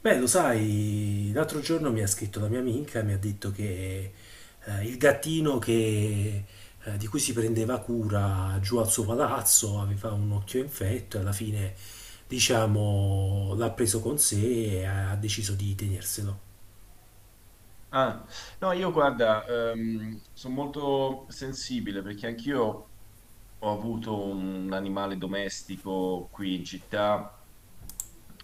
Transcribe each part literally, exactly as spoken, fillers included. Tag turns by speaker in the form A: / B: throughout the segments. A: Beh, lo sai, l'altro giorno mi ha scritto la mia amica e mi ha detto che eh, il gattino che, eh, di cui si prendeva cura giù al suo palazzo aveva un occhio infetto e alla fine, diciamo, l'ha preso con sé e ha deciso di tenerselo.
B: Ah, no, io guarda, sono molto sensibile perché anch'io ho avuto un animale domestico qui in città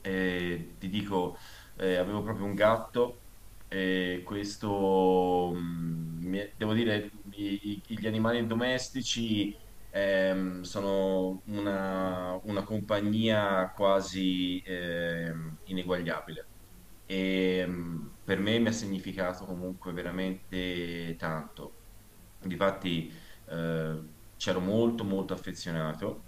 B: e ti dico, eh, avevo proprio un gatto e questo, mm, mi è- devo dire, i- i- gli animali domestici ehm, sono una, una compagnia quasi ehm, ineguagliabile e mh, per me mi ha significato comunque veramente tanto. Difatti, eh, c'ero molto molto affezionato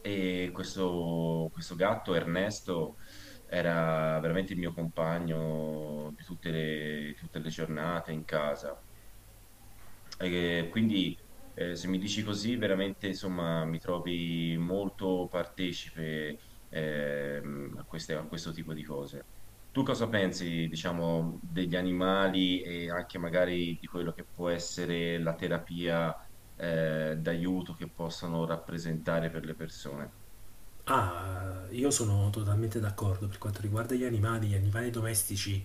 B: e questo, questo gatto Ernesto era veramente il mio compagno di tutte le, tutte le giornate in casa. E quindi eh, se mi dici così, veramente insomma, mi trovi molto partecipe ehm, a queste- a questo tipo di cose. Tu cosa pensi, diciamo, degli animali e anche magari di quello che può essere la terapia eh, d'aiuto che possono rappresentare per le persone?
A: Ah, io sono totalmente d'accordo per quanto riguarda gli animali, gli animali domestici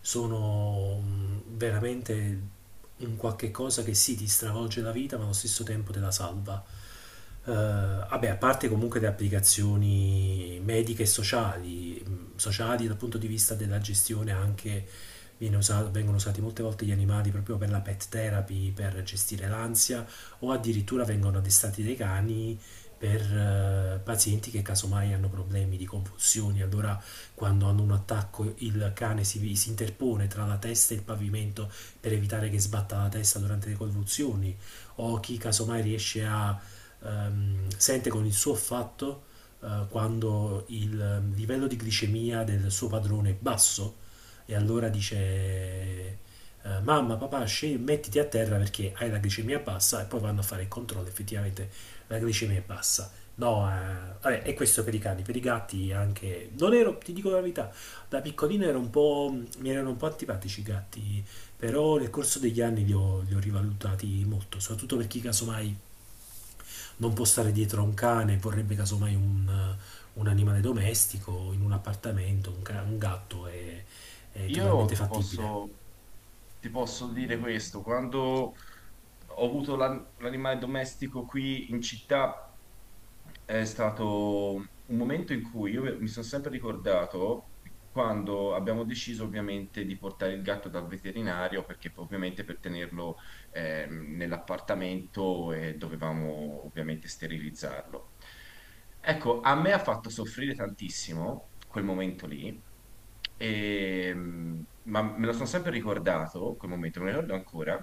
A: sono mm, veramente un qualche cosa che sì, ti stravolge la vita, ma allo stesso tempo te la salva. Eh, vabbè, a parte comunque le applicazioni mediche e sociali, mm, sociali dal punto di vista della gestione anche viene usa- vengono usati molte volte gli animali proprio per la pet therapy, per gestire l'ansia o addirittura vengono addestrati dei cani per eh, pazienti che casomai hanno problemi di convulsioni, allora quando hanno un attacco il cane si, si interpone tra la testa e il pavimento per evitare che sbatta la testa durante le convulsioni, o chi casomai riesce a ehm, sente con il suo affatto eh, quando il ehm, livello di glicemia del suo padrone è basso e allora dice eh, mamma, papà, sce- mettiti a terra perché hai la glicemia bassa e poi vanno a fare il controllo, effettivamente la glicemia è bassa. No, eh, vabbè, e questo per i cani, per i gatti anche. Non ero, ti dico la verità, da piccolino ero un po', mi erano un po' antipatici i gatti, però nel corso degli anni li ho, li ho rivalutati molto, soprattutto per chi casomai non può stare dietro a un cane, vorrebbe casomai un, un animale domestico in un appartamento, un, ca- un gatto è, è
B: Io
A: totalmente
B: ti
A: fattibile.
B: posso, ti posso dire questo, quando ho avuto l'an- l'animale domestico qui in città, è stato un momento in cui io mi sono sempre ricordato quando abbiamo deciso ovviamente di portare il gatto dal veterinario perché poi, ovviamente per tenerlo ehm, nell'appartamento e dovevamo ovviamente sterilizzarlo. Ecco, a me ha fatto soffrire tantissimo quel momento lì, e, mm, ma me lo sono sempre ricordato, quel momento, me lo ricordo ancora,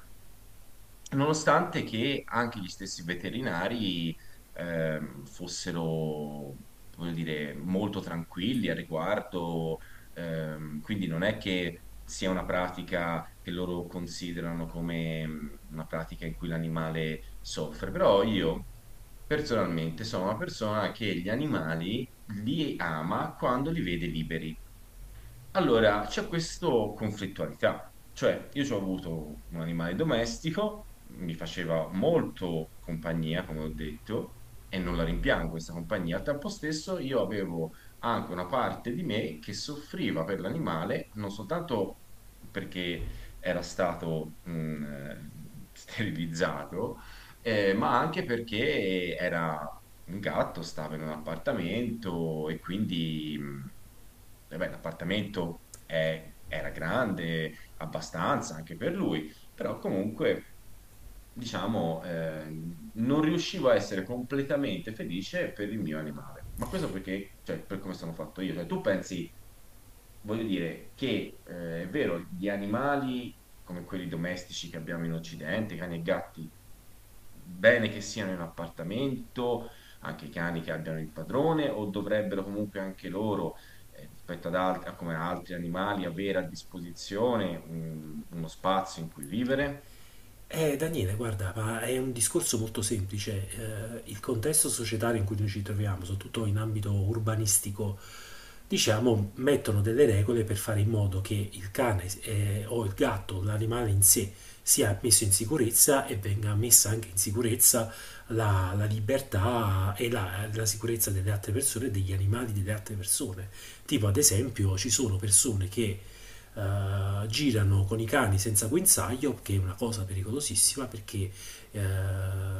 B: nonostante che anche gli stessi veterinari ehm, fossero, voglio dire, molto tranquilli al riguardo. Ehm, quindi non è che sia una pratica che loro considerano come mh, una pratica in cui l'animale soffre, però io personalmente sono una persona che gli animali li ama quando li vede liberi. Allora, c'è questa conflittualità, cioè io ci ho avuto un animale domestico, mi faceva molto compagnia, come ho detto, e non la rimpiango questa compagnia. Al tempo stesso io avevo anche una parte di me che soffriva per l'animale, non soltanto perché era stato mh, eh, sterilizzato, eh, ma anche perché era un gatto, stava in un appartamento e quindi... mh, eh beh, l'appartamento è- era grande abbastanza anche per lui, però comunque, diciamo, ehm, non riuscivo a essere completamente felice per il mio animale. Ma questo perché, cioè, per come sono fatto io. Cioè, tu pensi, voglio dire, che eh, è vero, gli animali come quelli domestici che abbiamo in Occidente, cani e gatti, bene che siano in appartamento, anche i cani che abbiano il padrone, o dovrebbero comunque anche loro, eh, rispetto ad altri, a come altri animali, avere a disposizione un- uno spazio in cui vivere?
A: Eh, Daniele, guarda, ma è un discorso molto semplice. Eh, il contesto societario in cui noi ci troviamo, soprattutto in ambito urbanistico, diciamo, mettono delle regole per fare in modo che il cane eh, o il gatto, l'animale in sé, sia messo in sicurezza e venga messa anche in sicurezza la, la libertà e la, la sicurezza delle altre persone, e degli animali delle altre persone. Tipo, ad esempio, ci sono persone che eh, girano con i cani senza guinzaglio, che è una cosa pericolosissima perché eh,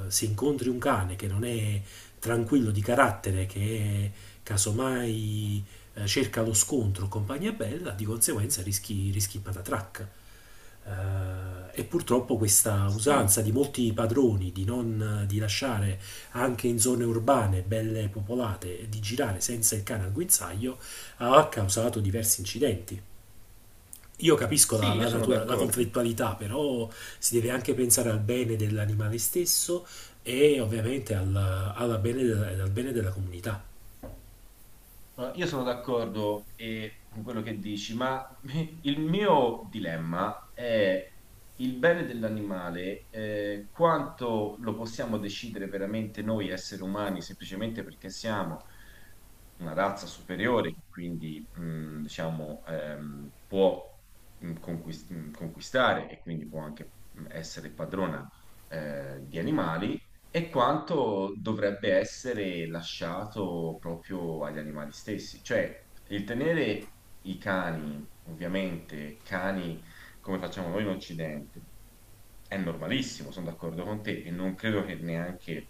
A: se incontri un cane che non è tranquillo di carattere, che è casomai eh, cerca lo scontro o compagnia bella, di conseguenza rischi, rischi patatrac. Eh, e purtroppo questa
B: Sì,
A: usanza di molti padroni di non di lasciare anche in zone urbane belle popolate di girare senza il cane al guinzaglio ha causato diversi incidenti. Io capisco la,
B: sì, io
A: la
B: sono
A: natura, la
B: d'accordo.
A: conflittualità, però si deve anche pensare al bene dell'animale stesso e ovviamente al, alla bene della, al bene della comunità.
B: No, io sono d'accordo eh, con quello che dici, ma il mio dilemma è il bene dell'animale, eh, quanto lo possiamo decidere veramente noi esseri umani, semplicemente perché siamo una razza superiore, che quindi mh, diciamo, ehm, può mh, conquist- mh, conquistare e quindi può anche mh, essere padrona eh, di animali e quanto dovrebbe essere lasciato proprio agli animali stessi. Cioè, il tenere i cani, ovviamente, cani come facciamo noi in Occidente, è normalissimo, sono d'accordo con te, e non credo che neanche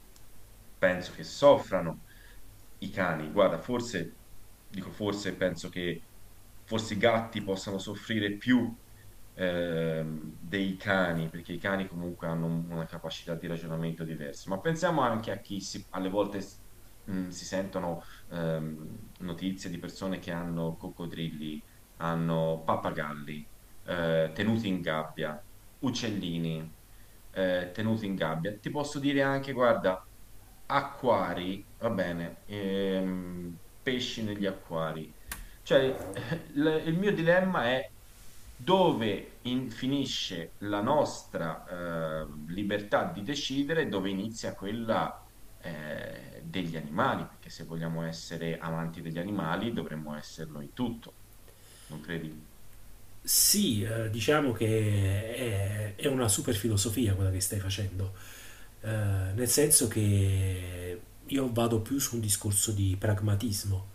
B: penso che soffrano i cani. Guarda, forse, dico forse, penso che forse i gatti possano soffrire più ehm, dei cani, perché i cani comunque hanno un- una capacità di ragionamento diversa, ma pensiamo anche a chi si- alle volte s- mh, si sentono ehm, notizie di persone che hanno coccodrilli, hanno pappagalli, eh, tenuti in gabbia, uccellini, eh, tenuti in gabbia. Ti posso dire anche, guarda, acquari, va bene, ehm, pesci negli acquari. Cioè, il il mio dilemma è dove in- finisce la nostra eh, libertà di decidere, e dove inizia quella eh, degli animali, perché se vogliamo essere amanti degli animali dovremmo esserlo in tutto, non credi?
A: Sì, eh, diciamo che è, è una super filosofia quella che stai facendo, eh, nel senso che io vado più su un discorso di pragmatismo.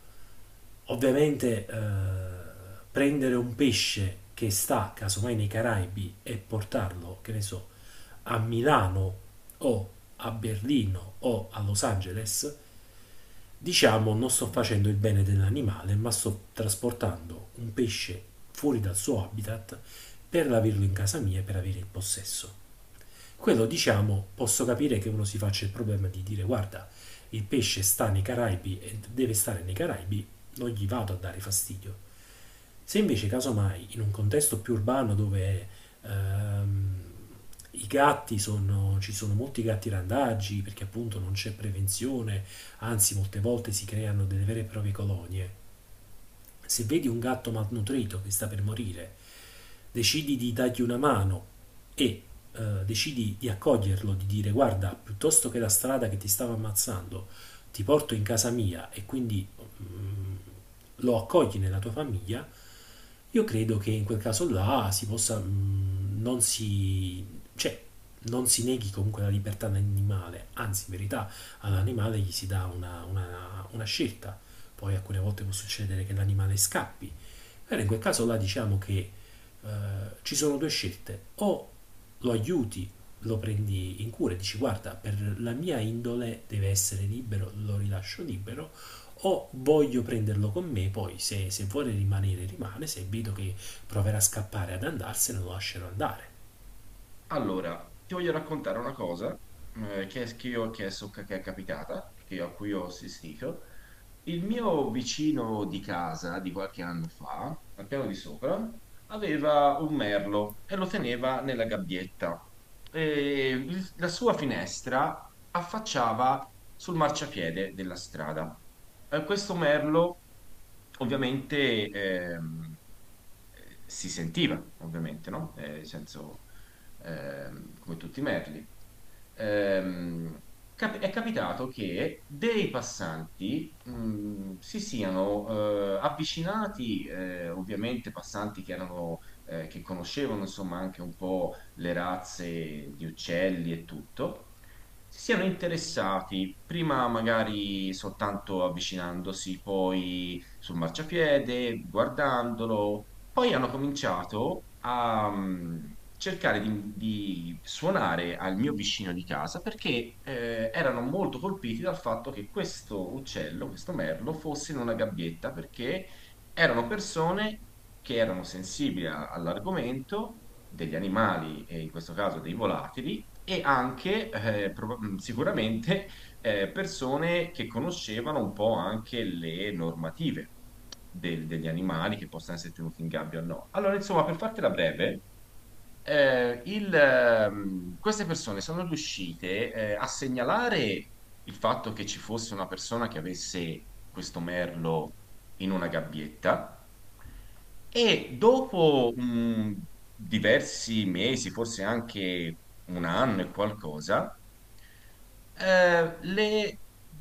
A: Ovviamente eh, prendere un pesce che sta casomai nei Caraibi e portarlo, che ne so, a Milano o a Berlino o a Los Angeles, diciamo non sto facendo il bene dell'animale, ma sto trasportando un pesce fuori dal suo habitat per averlo in casa mia e per avere il possesso. Quello, diciamo, posso capire che uno si faccia il problema di dire guarda, il pesce sta nei Caraibi e deve stare nei Caraibi, non gli vado a dare fastidio. Se invece casomai in un contesto più urbano dove ehm, i gatti sono, ci sono molti gatti randaggi perché appunto non c'è prevenzione, anzi molte volte si creano delle vere e proprie colonie, se vedi un gatto malnutrito che sta per morire, decidi di dargli una mano e eh, decidi di accoglierlo, di dire guarda, piuttosto che la strada che ti stava ammazzando, ti porto in casa mia e quindi mm, lo accogli nella tua famiglia, io credo che in quel caso là si possa, mm, non si, cioè, non si neghi comunque la libertà all'animale, anzi in verità
B: Mm.
A: all'animale gli si dà una, una- una scelta, poi alcune volte può succedere che l'animale scappi. Allora in quel caso là diciamo che eh, ci sono due scelte. O lo aiuti, lo prendi in cura e dici guarda, per la mia indole deve essere libero, lo rilascio libero, o voglio prenderlo con me, poi se, se vuole rimanere rimane, se vedo che proverà a scappare ad andarsene lo lascerò andare.
B: Allora, ti voglio raccontare una cosa eh, che, è, che io- che è so- che è capitata, che io- a cui ho assistito. Il mio vicino di casa di qualche anno fa, al piano di sopra, aveva un merlo e lo teneva nella gabbietta. E il- la sua finestra affacciava sul marciapiede della strada. Eh, questo merlo ovviamente ehm, eh, si sentiva, ovviamente, no? Eh, nel senso ehm, come tutti i merli, ehm, cap- è capitato che dei passanti mh, si siano eh, avvicinati, eh, ovviamente passanti che erano, eh, che conoscevano insomma anche un po' le razze di uccelli e tutto. Si siano interessati, prima magari soltanto avvicinandosi, poi sul marciapiede, guardandolo, poi hanno cominciato a mh, cercare di, di suonare al mio vicino di casa perché eh, erano molto colpiti dal fatto che questo uccello, questo merlo, fosse in una gabbietta perché erano persone che erano sensibili a- all'argomento degli animali, e in questo caso dei volatili, e anche eh, proba- mh, sicuramente eh, persone che conoscevano un po' anche le normative del- degli animali che possono essere tenuti in gabbia o no. Allora, insomma, per fartela breve, eh, il, ehm, queste persone sono riuscite, eh, a segnalare il fatto che ci fosse una persona che avesse questo merlo in una gabbietta e dopo mh, diversi mesi, forse anche un anno e qualcosa, eh, le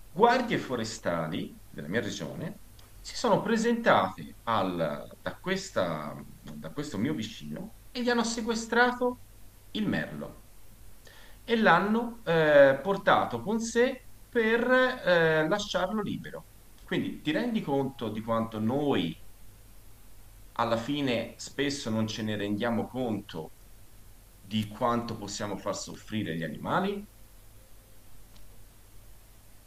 B: guardie forestali della mia regione si sono presentate al- da questa- da questo mio vicino e gli hanno sequestrato il merlo e l'hanno eh, portato con sé per eh, lasciarlo libero. Quindi ti rendi conto di quanto noi alla fine spesso non ce ne rendiamo conto di quanto possiamo far soffrire gli animali?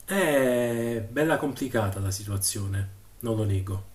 A: È bella complicata la situazione, non lo nego.